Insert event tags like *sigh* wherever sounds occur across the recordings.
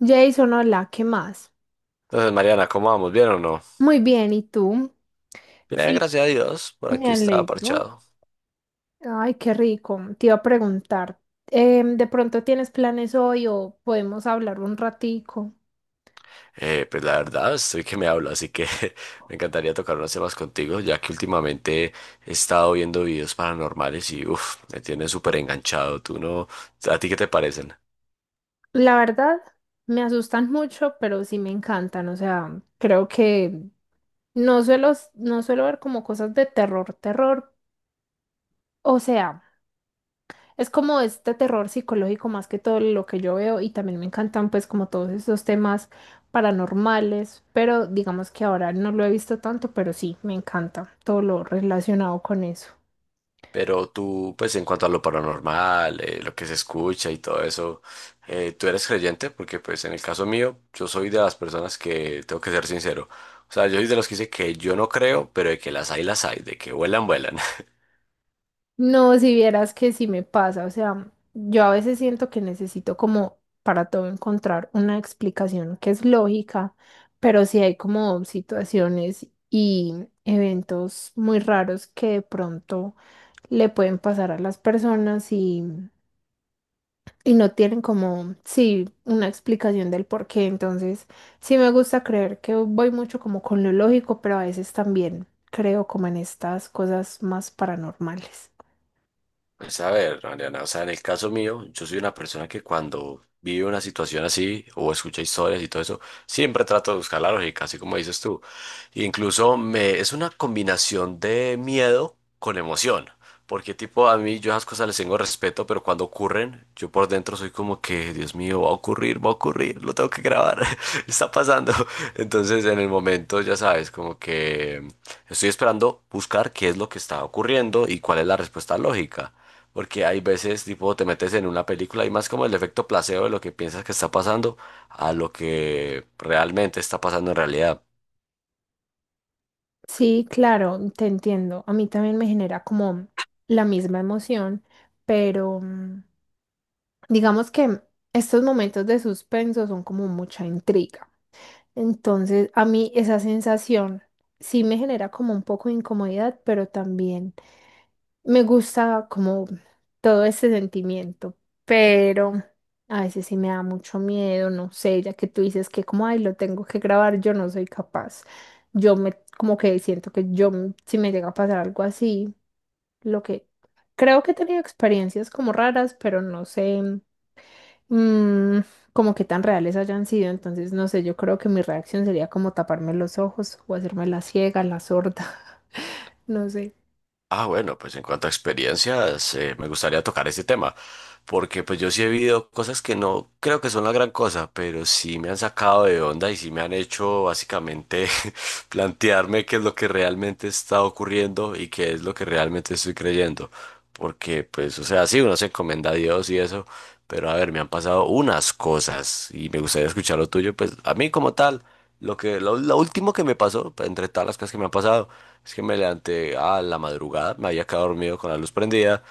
Jason, hola, ¿qué más? Entonces, Mariana, ¿cómo vamos? ¿Bien o no? Muy bien, ¿y tú? Bien, Sí, gracias a Dios, por me aquí estaba alegro. parchado. Ay, qué rico. Te iba a preguntar, ¿de pronto tienes planes hoy o podemos hablar un ratico? Pues la verdad, estoy que me hablo, así que *laughs* me encantaría tocar unos temas contigo, ya que últimamente he estado viendo videos paranormales y uff, me tienes súper enganchado. ¿Tú no? ¿A ti qué te parecen? La verdad, me asustan mucho, pero sí me encantan. O sea, creo que no suelo ver como cosas de terror, terror. O sea, es como este terror psicológico más que todo lo que yo veo y también me encantan pues como todos esos temas paranormales, pero digamos que ahora no lo he visto tanto, pero sí, me encanta todo lo relacionado con eso. Pero tú, pues en cuanto a lo paranormal, lo que se escucha y todo eso, ¿tú eres creyente? Porque pues en el caso mío, yo soy de las personas que, tengo que ser sincero, o sea, yo soy de los que dice que yo no creo, pero de que las hay, de que vuelan, vuelan. No, si vieras que sí me pasa, o sea, yo a veces siento que necesito como para todo encontrar una explicación que es lógica, pero sí hay como situaciones y eventos muy raros que de pronto le pueden pasar a las personas y no tienen como, sí, una explicación del por qué. Entonces, sí me gusta creer que voy mucho como con lo lógico, pero a veces también creo como en estas cosas más paranormales. Pues a ver, Mariana, o sea, en el caso mío, yo soy una persona que cuando vive una situación así o escucha historias y todo eso, siempre trato de buscar la lógica, así como dices tú. Incluso me, es una combinación de miedo con emoción, porque tipo a mí yo esas cosas les tengo respeto, pero cuando ocurren, yo por dentro soy como que, Dios mío, va a ocurrir, lo tengo que grabar, *laughs* está pasando. Entonces en el momento, ya sabes, como que estoy esperando buscar qué es lo que está ocurriendo y cuál es la respuesta lógica. Porque hay veces, tipo, te metes en una película y más como el efecto placebo de lo que piensas que está pasando a lo que realmente está pasando en realidad. Sí, claro, te entiendo. A mí también me genera como la misma emoción, pero digamos que estos momentos de suspenso son como mucha intriga. Entonces, a mí esa sensación sí me genera como un poco de incomodidad, pero también me gusta como todo ese sentimiento, pero a veces sí me da mucho miedo, no sé, ya que tú dices que como, ay, lo tengo que grabar, yo no soy capaz. Yo me, como que siento que si me llega a pasar algo así, lo que creo que he tenido experiencias como raras, pero no sé mm, como que tan reales hayan sido, entonces no sé, yo creo que mi reacción sería como taparme los ojos o hacerme la ciega, la sorda, *laughs* no sé. Ah, bueno, pues en cuanto a experiencias, me gustaría tocar ese tema, porque pues yo sí he vivido cosas que no creo que son la gran cosa, pero sí me han sacado de onda y sí me han hecho básicamente *laughs* plantearme qué es lo que realmente está ocurriendo y qué es lo que realmente estoy creyendo, porque pues, o sea, sí, uno se encomienda a Dios y eso, pero a ver, me han pasado unas cosas y me gustaría escuchar lo tuyo, pues a mí como tal. Lo último que me pasó, pues, entre todas las cosas que me han pasado, es que me levanté a la madrugada, me había quedado dormido con la luz prendida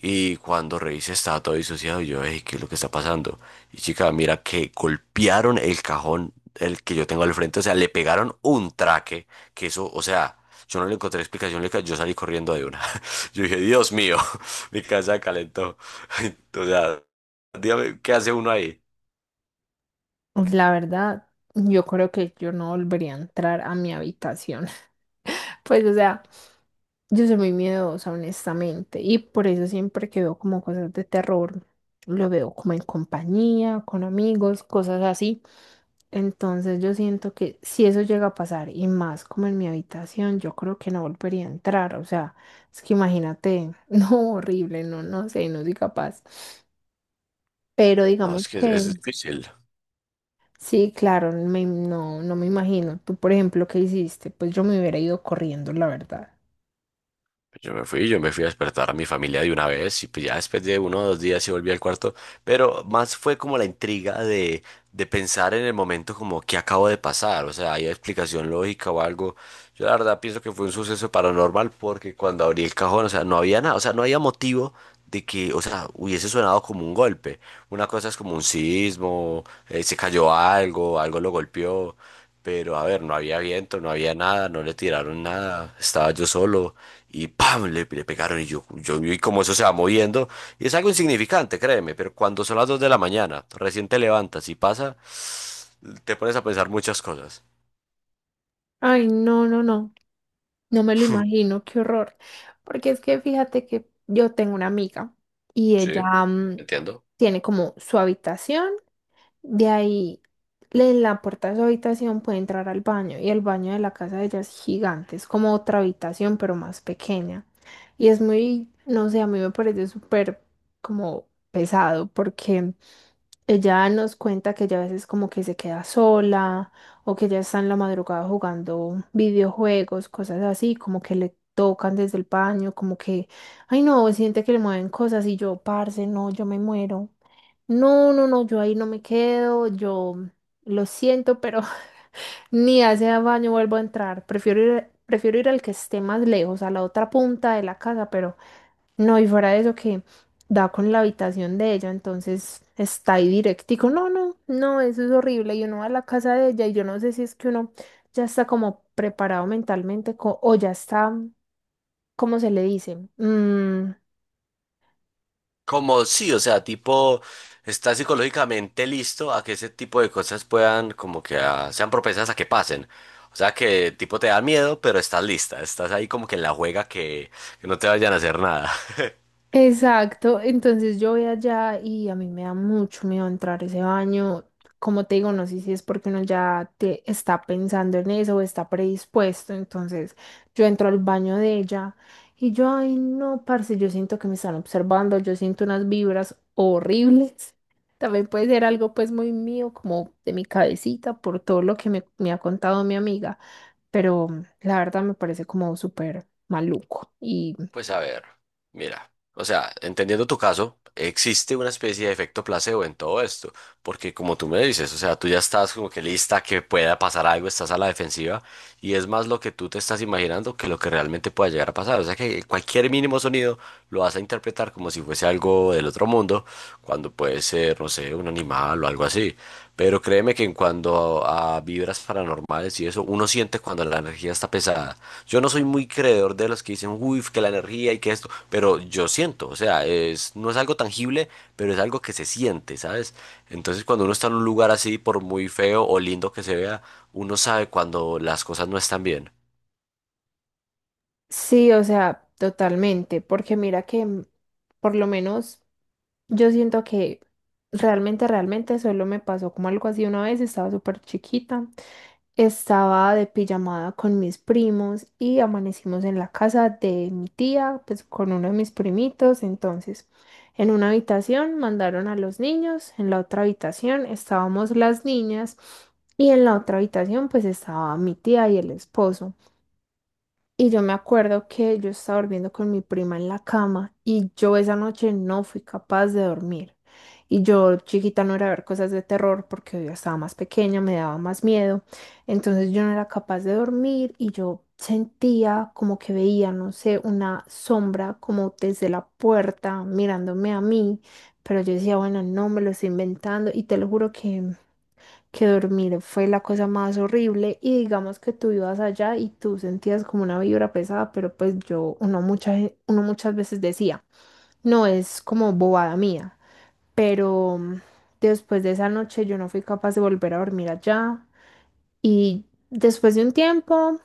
y cuando revisé estaba todo disociado y yo, hey, ¿qué es lo que está pasando? Y chica, mira que golpearon el cajón, el que yo tengo al frente, o sea, le pegaron un traque, que eso, o sea, yo no le encontré explicación, yo salí corriendo de una. *laughs* Yo dije, Dios mío, *laughs* mi casa calentó. *laughs* O sea, dígame, ¿qué hace uno ahí? La verdad, yo creo que yo no volvería a entrar a mi habitación. *laughs* Pues, o sea, yo soy muy miedosa, honestamente, y por eso siempre que veo como cosas de terror, lo veo como en compañía, con amigos, cosas así. Entonces yo siento que si eso llega a pasar y más como en mi habitación, yo creo que no volvería a entrar. O sea, es que imagínate, *laughs* no, horrible, no, no sé, no soy capaz. Pero No, es digamos que es que es difícil. sí, claro, me- no, no me imagino. Tú, por ejemplo, ¿qué hiciste? Pues yo me hubiera ido corriendo, la verdad. Pues yo me fui, yo me fui a despertar a mi familia de una vez y pues ya después de 1 o 2 días sí volví al cuarto, pero más fue como la intriga de, pensar en el momento como qué acabo de pasar, o sea, hay explicación lógica o algo. Yo la verdad pienso que fue un suceso paranormal porque cuando abrí el cajón, o sea, no había nada, o sea, no había motivo de que, o sea, hubiese sonado como un golpe. Una cosa es como un sismo, se cayó algo, algo lo golpeó, pero a ver, no había viento, no había nada, no le tiraron nada, estaba yo solo. Y ¡pam! Le pegaron y yo vi cómo eso se va moviendo. Y es algo insignificante, créeme, pero cuando son las 2 de la mañana, recién te levantas y pasa, te pones a pensar muchas cosas. Ay, no, no, no, no me lo imagino, qué horror. Porque es que fíjate que yo tengo una amiga y ella Sí, entiendo. tiene como su habitación. De ahí, le- la puerta de su habitación puede entrar al baño y el baño de la casa de ella es gigante, es como otra habitación pero más pequeña. Y es muy, no sé, a mí me parece súper como pesado porque ella nos cuenta que ella a veces como que se queda sola o que ella está en la madrugada jugando videojuegos, cosas así, como que le tocan desde el baño, como que, ay no, siente que le mueven cosas y yo, parce, no, yo me muero. No, no, no, yo ahí no me quedo, yo lo siento, pero *laughs* ni a ese baño vuelvo a entrar. Prefiero ir al que esté más lejos, a la otra punta de la casa, pero no, y fuera de eso que da con la habitación de ella, entonces está ahí directico. No, no, no, eso es horrible. Y uno va a la casa de ella y yo no sé si es que uno ya está como preparado mentalmente o ya está, ¿cómo se le dice? Mm, Como sí, o sea, tipo, estás psicológicamente listo a que ese tipo de cosas puedan, como que ah, sean propensas a que pasen. O sea, que tipo te da miedo, pero estás lista, estás ahí como que en la juega que, no te vayan a hacer nada. *laughs* exacto, entonces yo voy allá y a mí me da mucho miedo entrar a ese baño. Como te digo, no sé si es porque uno ya te está pensando en eso o está predispuesto. Entonces yo entro al baño de ella y yo, ay, no, parce, yo siento que me están observando, yo siento unas vibras horribles. También puede ser algo pues muy mío, como de mi cabecita, por todo lo que me ha contado mi amiga, pero la verdad me parece como súper maluco. Pues a ver, mira, o sea, entendiendo tu caso, existe una especie de efecto placebo en todo esto, porque como tú me dices, o sea, tú ya estás como que lista a que pueda pasar algo, estás a la defensiva, y es más lo que tú te estás imaginando que lo que realmente pueda llegar a pasar. O sea que cualquier mínimo sonido lo vas a interpretar como si fuese algo del otro mundo, cuando puede ser, no sé, un animal o algo así. Pero créeme que en cuanto a, vibras paranormales y eso, uno siente cuando la energía está pesada. Yo no soy muy creedor de los que dicen, uy, que la energía y que esto, pero yo siento, o sea, es, no es algo tangible, pero es algo que se siente, ¿sabes? Entonces cuando uno está en un lugar así, por muy feo o lindo que se vea, uno sabe cuando las cosas no están bien. Sí, o sea, totalmente, porque mira que por lo menos yo siento que realmente, realmente solo me pasó como algo así una vez, estaba súper chiquita, estaba de pijamada con mis primos y amanecimos en la casa de mi tía, pues con uno de mis primitos, entonces en una habitación mandaron a los niños, en la otra habitación estábamos las niñas y en la otra habitación pues estaba mi tía y el esposo. Y yo me acuerdo que yo estaba durmiendo con mi prima en la cama y yo esa noche no fui capaz de dormir. Y yo chiquita no era ver cosas de terror porque yo estaba más pequeña, me daba más miedo. Entonces yo no era capaz de dormir y yo sentía como que veía, no sé, una sombra como desde la puerta mirándome a mí. Pero yo decía, bueno, no me lo estoy inventando y te lo juro que dormir fue la cosa más horrible y digamos que tú ibas allá y tú sentías como una vibra pesada, pero pues yo, uno, mucha, uno muchas veces decía, no es como bobada mía, pero después de esa noche yo no fui capaz de volver a dormir allá y después de un tiempo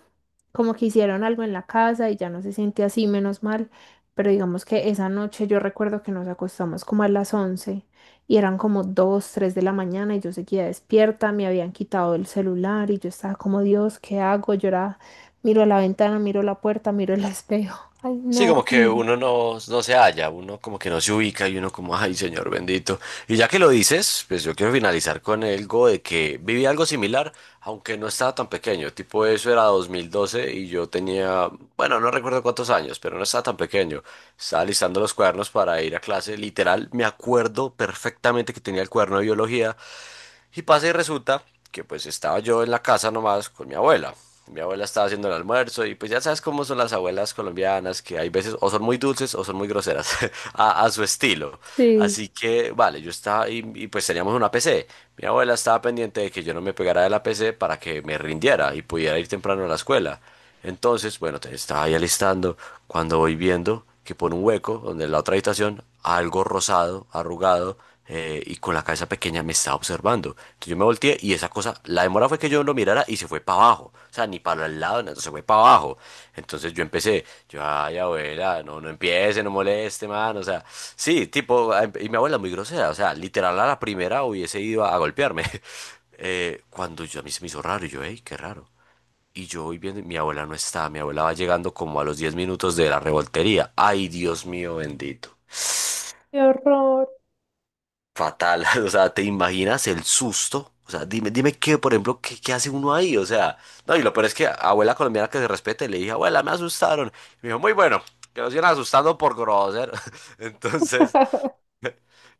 como que hicieron algo en la casa y ya no se siente así, menos mal, pero digamos que esa noche yo recuerdo que nos acostamos como a las 11 y eran como 2 3 de la mañana y yo seguía despierta, me habían quitado el celular y yo estaba como, Dios, ¿qué hago? Yo era, miro a la ventana, miro la puerta, miro el *laughs* espejo. Ay, Sí, no, como que horrible. uno no, no se halla, uno como que no se ubica y uno como, ay, señor bendito. Y ya que lo dices, pues yo quiero finalizar con algo de que viví algo similar, aunque no estaba tan pequeño. Tipo, eso era 2012 y yo tenía, bueno, no recuerdo cuántos años, pero no estaba tan pequeño. Estaba listando los cuadernos para ir a clase. Literal, me acuerdo perfectamente que tenía el cuaderno de biología. Y pasa y resulta que pues estaba yo en la casa nomás con mi abuela. Mi abuela estaba haciendo el almuerzo y pues ya sabes cómo son las abuelas colombianas, que hay veces o son muy dulces o son muy groseras *laughs* a su estilo. Sí. Así que, vale, yo estaba pues teníamos una PC. Mi abuela estaba pendiente de que yo no me pegara de la PC para que me rindiera y pudiera ir temprano a la escuela. Entonces, bueno, estaba ahí alistando cuando voy viendo que por un hueco, donde en la otra habitación, algo rosado, arrugado, y con la cabeza pequeña me estaba observando. Entonces yo me volteé y esa cosa, la demora fue que yo lo mirara y se fue para abajo. O sea, ni para el lado, no, se fue para abajo. Entonces yo empecé, yo, ay, abuela, no, no empiece, no moleste, man. O sea, sí, tipo, y mi abuela muy grosera. O sea, literal a la primera hubiese ido a golpearme. *laughs* Cuando yo a mí se me hizo raro, y yo, hey, qué raro. Y yo voy viendo, y mi abuela no está, mi abuela va llegando como a los 10 minutos de la revoltería. Ay, Dios mío bendito. Qué horror. Fatal, *laughs* o sea, ¿te imaginas el susto? O sea, dime, dime qué, por ejemplo, qué hace uno ahí, o sea, no, y lo peor es que abuela colombiana que se respete, le dije, abuela, me asustaron. Y me dijo, muy bueno, que nos iban asustando por grosero. *laughs* Entonces, *laughs*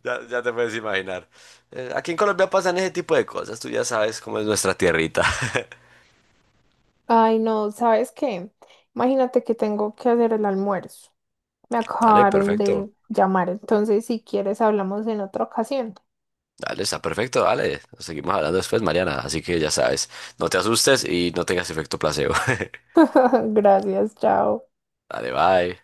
ya, ya te puedes imaginar. Aquí en Colombia pasan ese tipo de cosas, tú ya sabes cómo es nuestra tierrita. Ay, no, ¿sabes qué? Imagínate que tengo que hacer el almuerzo. Me *laughs* Dale, acabaron de perfecto. llamar, entonces si quieres hablamos en otra ocasión. Dale, está perfecto, dale. Nos seguimos hablando después, Mariana. Así que ya sabes, no te asustes y no tengas efecto placebo. *laughs* *laughs* Gracias, chao. Dale, bye.